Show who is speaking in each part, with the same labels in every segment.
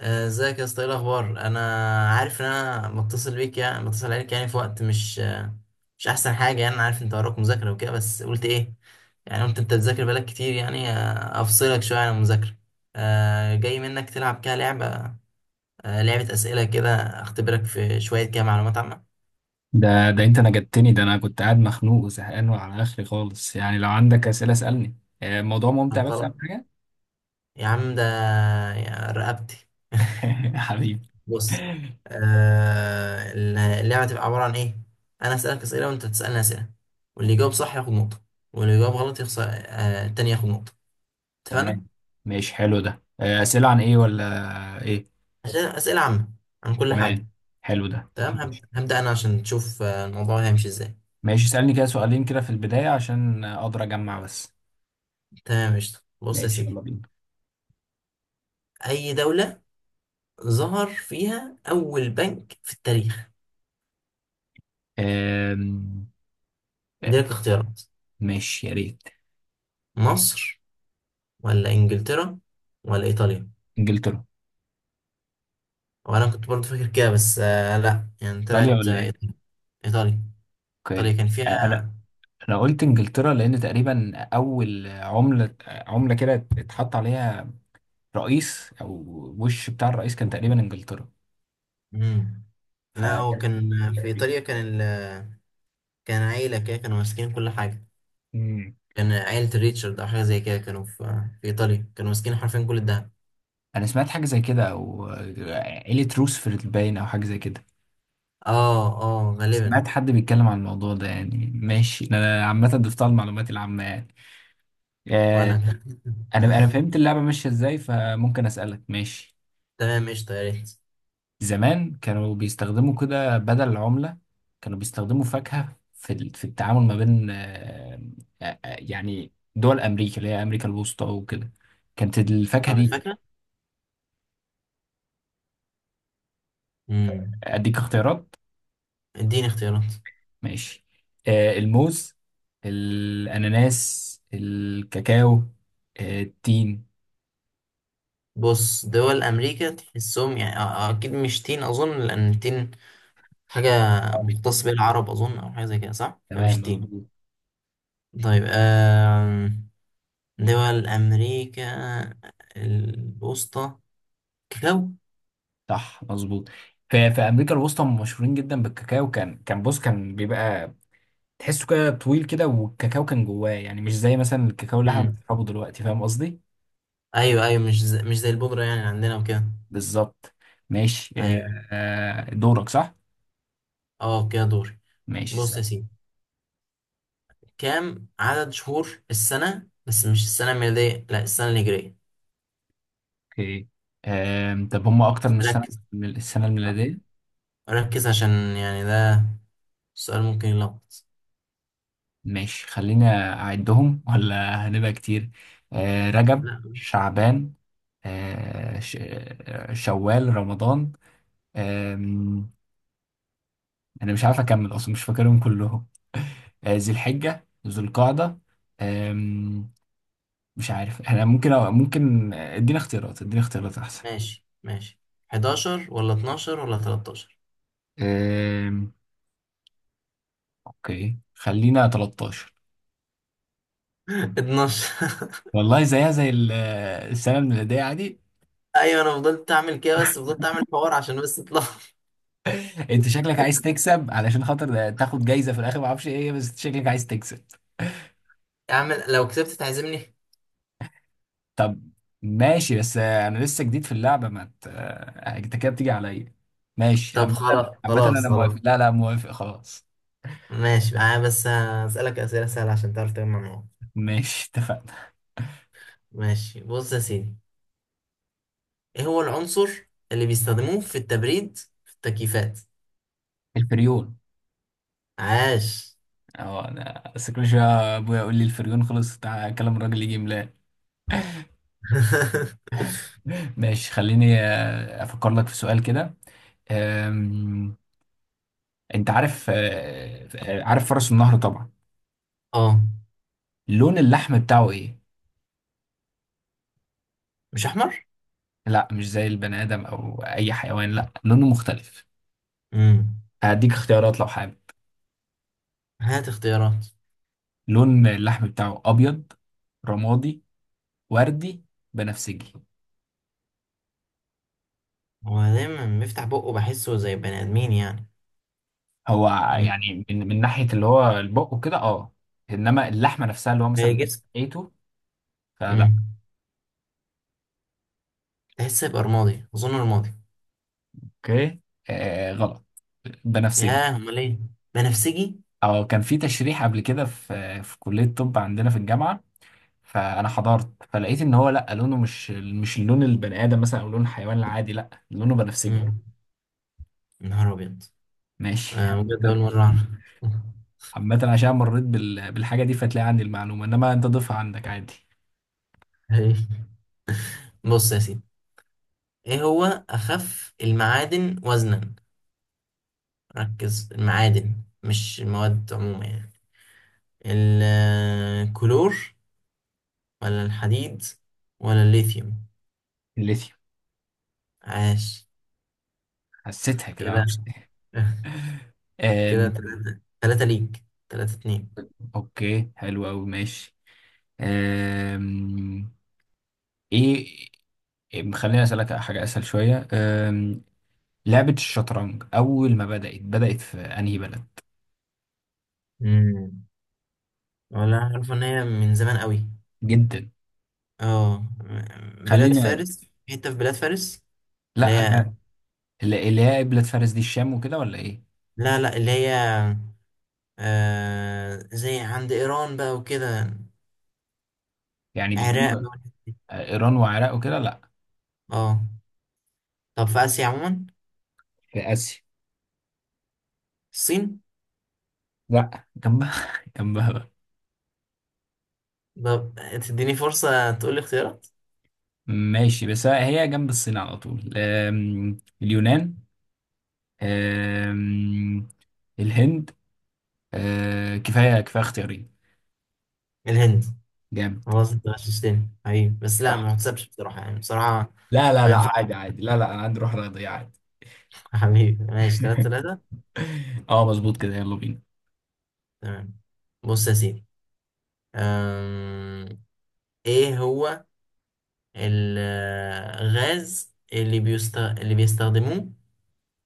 Speaker 1: ازيك يا اسطى، ايه الاخبار؟ انا عارف ان متصل بيك، يعني متصل عليك يعني في وقت مش مش احسن حاجه. يعني انا عارف انت وراك مذاكره وكده، بس قلت ايه يعني، قلت انت بتذاكر بقالك كتير، يعني افصلك شويه عن المذاكره. جاي منك تلعب كده لعبه، لعبه اسئله كده، اختبرك في شويه كده معلومات عامه.
Speaker 2: ده انت نجدتني. ده انا كنت قاعد مخنوق وزهقان وعلى اخري خالص، يعني لو عندك اسئله اسالني. الموضوع
Speaker 1: طب
Speaker 2: ممتع، بس
Speaker 1: خلاص
Speaker 2: اهم حاجه.
Speaker 1: يا عم ده، يا رقبتي.
Speaker 2: حبيبي.
Speaker 1: بص. آه. اللعبة هتبقى عبارة عن إيه؟ أنا أسألك أسئلة وأنت تسألني أسئلة، واللي يجاوب صح ياخد نقطة، واللي يجاوب غلط يخسر، التاني ياخد نقطة.
Speaker 2: تمام،
Speaker 1: اتفقنا؟
Speaker 2: ماشي، حلو ده. اسئله عن ايه ولا ايه؟
Speaker 1: عشان أسئلة عامة عن كل
Speaker 2: تمام،
Speaker 1: حاجة.
Speaker 2: حلو ده.
Speaker 1: تمام.
Speaker 2: ماشي
Speaker 1: هبدأ أنا عشان تشوف الموضوع هيمشي إزاي.
Speaker 2: ماشي، اسالني كده سؤالين كده في البدايه عشان اقدر اجمع بس.
Speaker 1: تمام قشطة، بص يا
Speaker 2: ماشي، يلا
Speaker 1: سيدي.
Speaker 2: بينا.
Speaker 1: أي دولة ظهر فيها أول بنك في التاريخ؟
Speaker 2: آم، آه،
Speaker 1: عندي لك اختيارات:
Speaker 2: ماشي يا ريت.
Speaker 1: مصر، ولا إنجلترا، ولا إيطاليا؟
Speaker 2: انجلترا.
Speaker 1: وأنا كنت برضه فاكر كده، بس آه لأ، يعني
Speaker 2: ايطاليا
Speaker 1: طلعت
Speaker 2: ولا ايه؟
Speaker 1: إيطاليا. إيطاليا
Speaker 2: اوكي.
Speaker 1: كان فيها.
Speaker 2: انا قلت انجلترا لان تقريبا اول عملة عملة كده اتحط عليها رئيس، او وش بتاع الرئيس، كان تقريبا انجلترا.
Speaker 1: مم.
Speaker 2: ف.
Speaker 1: لا هو كان في إيطاليا، كان ال... كان عيلة كده كانوا ماسكين كل حاجة.
Speaker 2: مم.
Speaker 1: كان عيلة ريتشارد أو حاجة زي كده، كانوا في... في إيطاليا كانوا ماسكين حرفيا كل الدهب.
Speaker 2: انا سمعت حاجة زي كده، او عيلة روزفلت باين او حاجة زي كده.
Speaker 1: اه، اه غالبا.
Speaker 2: سمعت حد بيتكلم عن الموضوع ده يعني. ماشي، انا عامة ضفتها المعلومات العامة يعني. آه،
Speaker 1: وأنا كان.
Speaker 2: انا فهمت اللعبة ماشية ازاي، فممكن اسألك. ماشي.
Speaker 1: تمام قشطة، يا ريت.
Speaker 2: زمان كانوا بيستخدموا كده بدل العملة، كانوا بيستخدموا فاكهة في التعامل ما بين، يعني دول أمريكا اللي هي أمريكا الوسطى وكده، كانت الفاكهة
Speaker 1: عملت
Speaker 2: دي.
Speaker 1: فاكرة؟ مم.
Speaker 2: أديك اختيارات.
Speaker 1: اديني اختيارات.
Speaker 2: ماشي. الموز، الأناناس، الكاكاو، التين.
Speaker 1: بص، دول أمريكا تحسهم يعني أكيد مش تين أظن، لأن التين حاجة
Speaker 2: أوي.
Speaker 1: مختص بيها العرب أظن، أو حاجة زي كده، صح؟
Speaker 2: تمام
Speaker 1: فمش تين.
Speaker 2: مظبوط.
Speaker 1: طيب آه... دول أمريكا الوسطى، كاكاو.
Speaker 2: صح مظبوط. في امريكا الوسطى هم مشهورين جدا بالكاكاو. كان بص، كان بيبقى تحسه كده طويل كده، والكاكاو كان جواه، يعني مش زي مثلا الكاكاو اللي احنا
Speaker 1: مم.
Speaker 2: بنشربه دلوقتي، فاهم قصدي؟
Speaker 1: أيوة أيوة، مش زي البودرة يعني عندنا وكده.
Speaker 2: بالظبط. ماشي.
Speaker 1: أيوة.
Speaker 2: دورك صح.
Speaker 1: أه كده دوري.
Speaker 2: ماشي،
Speaker 1: بص يا
Speaker 2: سأل.
Speaker 1: سيدي، كام عدد شهور السنة؟ بس مش السنة الميلادية، لا السنة الهجرية.
Speaker 2: اوكي. طب هم اكتر من السنه،
Speaker 1: ركز.
Speaker 2: من السنه
Speaker 1: آه،
Speaker 2: الميلاديه؟
Speaker 1: ركز عشان يعني ده السؤال ممكن يلخبط.
Speaker 2: ماشي، خلينا اعدهم ولا هنبقى كتير. رجب،
Speaker 1: لا.
Speaker 2: شعبان. شوال، رمضان. آم، انا مش عارف اكمل اصلا، مش فاكرهم كلهم. ذي الحجه، ذو القعده. مش عارف، احنا ممكن أو ممكن ادينا اختيارات، ادينا اختيارات احسن.
Speaker 1: ماشي ماشي، 11 ولا 12 ولا 13؟
Speaker 2: أم... اوكي، خلينا 13.
Speaker 1: 12.
Speaker 2: والله زيها زي السنه الميلاديه عادي.
Speaker 1: ايوه، انا فضلت اعمل كده، بس فضلت اعمل حوار عشان بس اطلع.
Speaker 2: انت شكلك عايز تكسب علشان خاطر تاخد جايزه في الاخر، ما اعرفش ايه هي، بس شكلك عايز تكسب.
Speaker 1: اعمل لو كسبت تعزمني.
Speaker 2: طب ماشي، بس انا لسه جديد في اللعبه، ما ت- انت كده بتيجي عليا. ماشي
Speaker 1: طب
Speaker 2: عامه.
Speaker 1: خلاص
Speaker 2: عامه انا
Speaker 1: خلاص خلاص.
Speaker 2: موافق، لا لا، موافق خلاص.
Speaker 1: ماشي، انا بس هسألك أسئلة سهلة عشان تعرف تجمع نقط.
Speaker 2: ماشي، اتفقنا.
Speaker 1: ماشي، بص يا سيدي، ايه هو العنصر اللي بيستخدموه في التبريد في التكييفات؟
Speaker 2: الفريون.
Speaker 1: عاش.
Speaker 2: اه، انا بس كل شويه ابويا يقول لي الفريون خلص تعالى، كلام الراجل يجي ملاها. ماشي، خليني افكر لك في سؤال كده. أم، انت عارف، عارف فرس النهر طبعا؟
Speaker 1: اه.
Speaker 2: لون اللحم بتاعه ايه؟
Speaker 1: مش احمر.
Speaker 2: لا، مش زي البني ادم او اي حيوان، لا لونه مختلف.
Speaker 1: امم.
Speaker 2: هديك اختيارات لو حابب.
Speaker 1: هات اختيارات.
Speaker 2: لون اللحم بتاعه ابيض، رمادي، وردي، بنفسجي؟
Speaker 1: هو دايما بيفتح بقه، بحسه زي بني ادمين يعني.
Speaker 2: هو،
Speaker 1: امم.
Speaker 2: يعني من ناحية اللي هو البق وكده اه، انما اللحمة نفسها اللي هو
Speaker 1: باقي
Speaker 2: مثلا
Speaker 1: الجسم.
Speaker 2: لقيته فلا.
Speaker 1: امم. تحس يبقى رمادي، اظن رمادي.
Speaker 2: اوكي. غلط. بنفسجي.
Speaker 1: ياه، امال ايه؟ بنفسجي.
Speaker 2: او كان في تشريح قبل كده في كلية طب عندنا في الجامعة، فانا حضرت فلقيت ان هو لا، لونه مش لون البني ادم مثلا او لون الحيوان العادي، لا لونه بنفسجي.
Speaker 1: امم. نهار ابيض.
Speaker 2: ماشي.
Speaker 1: بجد اول مره
Speaker 2: عامة عشان مريت بالحاجة دي، فتلاقي عندي المعلومة، انما انت ضيفها عندك عادي.
Speaker 1: اعرف. بص يا سيدي، ايه هو اخف المعادن وزنا؟ ركز، المعادن مش المواد عموما يعني. الكلور، ولا الحديد، ولا الليثيوم؟
Speaker 2: الليثيوم.
Speaker 1: عاش.
Speaker 2: حسيتها كده،
Speaker 1: كده.
Speaker 2: معرفش ليه.
Speaker 1: كده
Speaker 2: أم...
Speaker 1: تلاتة تلاتة ليك، تلاتة اتنين.
Speaker 2: اوكي، حلو قوي. ماشي. أم... ايه. خليني اسالك حاجة اسهل شوية. لعبة الشطرنج اول ما بدأت بدأت في انهي بلد؟
Speaker 1: مم. ولا عارف ان هي من زمان قوي.
Speaker 2: جدا.
Speaker 1: اه. بلاد
Speaker 2: خلينا،
Speaker 1: فارس، حتة في بلاد فارس، اللي
Speaker 2: لا
Speaker 1: هي.
Speaker 2: اللي هي قبلة فارس دي الشام وكده ولا ايه؟
Speaker 1: لا لا، اللي هي آه زي عند ايران بقى وكده،
Speaker 2: يعني بتدوم.
Speaker 1: عراق بقى والحتة دي.
Speaker 2: ايران وعراق وكده؟ لا.
Speaker 1: اه. طب في آسيا عموما،
Speaker 2: في اسيا.
Speaker 1: الصين؟
Speaker 2: لا جنبها، جنبها بقى.
Speaker 1: طب تديني فرصة تقول لي اختيارات؟
Speaker 2: ماشي، بس هي جنب الصين على طول. اليونان، آم، الهند، كفايه كفايه اختيارين.
Speaker 1: الهند.
Speaker 2: جامد.
Speaker 1: خلاص انت غششتني حبيبي، بس لا
Speaker 2: صح.
Speaker 1: ما تحسبش بصراحة، يعني بصراحة
Speaker 2: لا لا
Speaker 1: ما
Speaker 2: لا،
Speaker 1: ينفعش.
Speaker 2: عادي عادي، لا لا، انا عندي روح رياضيه عادي.
Speaker 1: حبيبي ماشي، تلاتة تلاتة.
Speaker 2: اه مظبوط كده، يلا بينا.
Speaker 1: تمام، بص يا سيدي. أم... ايه هو الغاز اللي اللي بيستخدموه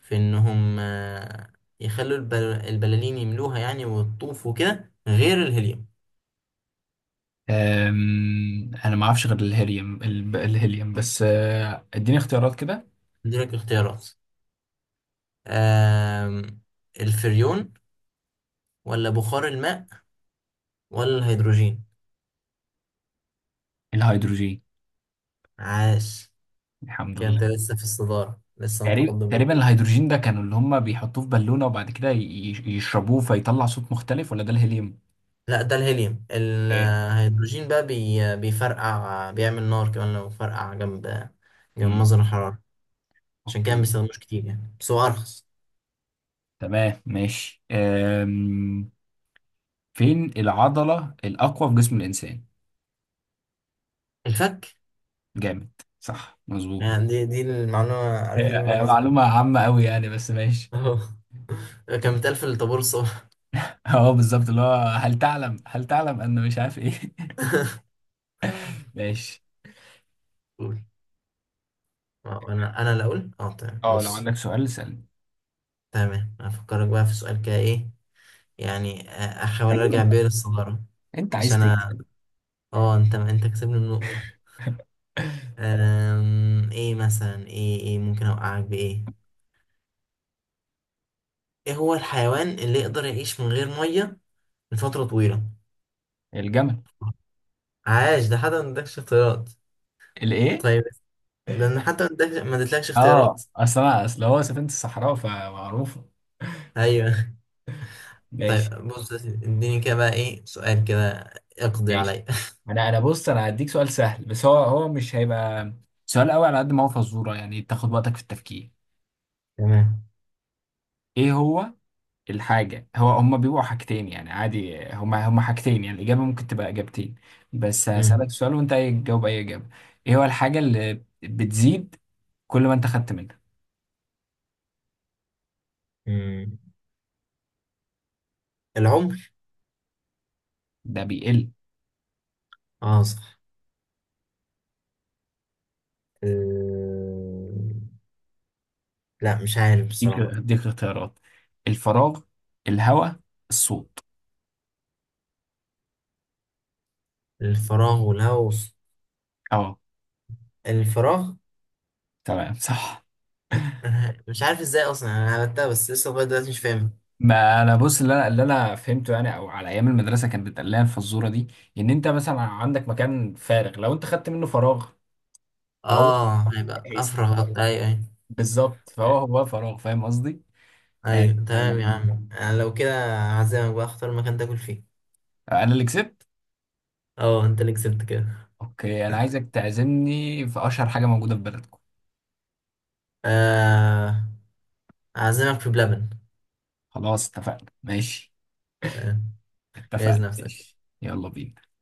Speaker 1: في انهم يخلوا البلالين يملوها يعني ويطوفوا كده، غير الهيليوم؟
Speaker 2: انا ما اعرفش غير الهيليوم، الهيليوم بس. اديني اختيارات كده.
Speaker 1: اديلك اختيارات. أم... الفريون، ولا بخار الماء، ولا الهيدروجين؟
Speaker 2: الهيدروجين.
Speaker 1: عاش.
Speaker 2: الحمد
Speaker 1: كده انت
Speaker 2: لله.
Speaker 1: لسه في الصدارة، لسه
Speaker 2: تقريبا
Speaker 1: متقدم.
Speaker 2: تقريبا الهيدروجين ده كانوا اللي هم بيحطوه في بالونة، وبعد كده يشربوه فيطلع صوت مختلف، ولا ده الهيليوم؟
Speaker 1: لا ده الهيليوم،
Speaker 2: ايه.
Speaker 1: الهيدروجين بقى بيفرقع، بيعمل نار كمان لو فرقع جنب
Speaker 2: امم.
Speaker 1: مصدر الحرارة. عشان كده ما
Speaker 2: اوكي
Speaker 1: بيستخدموش كتير يعني، بس هو أرخص.
Speaker 2: تمام ماشي. فين العضلة الأقوى في جسم الإنسان؟
Speaker 1: الفك.
Speaker 2: جامد. صح مظبوط.
Speaker 1: يعني دي المعلومة، عارف دي
Speaker 2: هي-
Speaker 1: من
Speaker 2: هي
Speaker 1: منظر.
Speaker 2: معلومة عامة أوي يعني، بس ماشي.
Speaker 1: اهو. كان بيتقال في الطابور الصبح.
Speaker 2: اه بالظبط، اللي هو هل تعلم، هل تعلم أن مش عارف إيه. ماشي.
Speaker 1: قول. اه، انا اللي اقول اه. تمام،
Speaker 2: اه، لو عندك
Speaker 1: بص.
Speaker 2: سؤال اسألني.
Speaker 1: تمام، هفكرك بقى في سؤال كده، ايه يعني، احاول
Speaker 2: ايوه،
Speaker 1: ارجع
Speaker 2: انت
Speaker 1: بيا للصدارة،
Speaker 2: انت عايز
Speaker 1: عشان
Speaker 2: تكسب.
Speaker 1: اه، انت كسبني النقطة. أم... ايه مثلا، ايه ممكن اوقعك بايه؟ ايه هو الحيوان اللي يقدر يعيش من غير مية لفترة طويلة؟
Speaker 2: الجمل.
Speaker 1: عاش. ده حتى ما ادكش اختيارات.
Speaker 2: الايه؟
Speaker 1: طيب، ده انا حتى ما ادكش، ما ادتلكش اختيارات.
Speaker 2: اه، اصل انا اصل هو سفينة الصحراء، فمعروفة.
Speaker 1: ايوه.
Speaker 2: ماشي.
Speaker 1: طيب بص يا سيدي، اديني كده بقى ايه سؤال كده، اقضي
Speaker 2: ماشي،
Speaker 1: عليا.
Speaker 2: انا بص، انا هديك سؤال سهل، بس هو مش هيبقى سؤال قوي، على قد ما هو فزورة يعني، تاخد وقتك في التفكير.
Speaker 1: تمام.
Speaker 2: ايه هو الحاجة، هو هما بيبقوا حاجتين يعني عادي، هما حاجتين يعني، الإجابة ممكن تبقى إجابتين. بس
Speaker 1: مم.
Speaker 2: هسألك سؤال وانت هتجاوب أي إجابة. ايه هو الحاجة اللي بتزيد كل ما انت خدت منها؟
Speaker 1: مم. العمر.
Speaker 2: ده بيقل.
Speaker 1: اه صح. أه، لا مش عارف
Speaker 2: هديك
Speaker 1: بصراحة.
Speaker 2: هديك اختيارات. الفراغ، الهواء، الصوت.
Speaker 1: الفراغ والهوس.
Speaker 2: اه
Speaker 1: الفراغ.
Speaker 2: تمام صح.
Speaker 1: أنا مش عارف ازاي اصلا انا عملتها، بس لسه لغايه دلوقتي مش فاهم.
Speaker 2: ما انا بص، اللي انا فهمته يعني، او على ايام المدرسه كانت بتقال لنا الفزوره دي، ان انت مثلا عندك مكان فارغ، لو انت خدت منه فراغ، فهو
Speaker 1: اه هيبقى
Speaker 2: هيس-
Speaker 1: افرغ. ايوه ايوه.
Speaker 2: بالظبط، فهو هو فراغ، فاهم قصدي؟ يعني.
Speaker 1: ايوه تمام يا عم، انا لو كده هعزمك بقى، اختار مكان تاكل فيه.
Speaker 2: انا اللي كسبت.
Speaker 1: اه انت اللي كسبت كده.
Speaker 2: اوكي، انا عايزك تعزمني في اشهر حاجه موجوده في بلدكم.
Speaker 1: آه، هعزمك في بلبن.
Speaker 2: خلاص اتفقنا ماشي.
Speaker 1: تمام، جهز
Speaker 2: اتفقنا
Speaker 1: نفسك.
Speaker 2: ماشي، يلا بينا.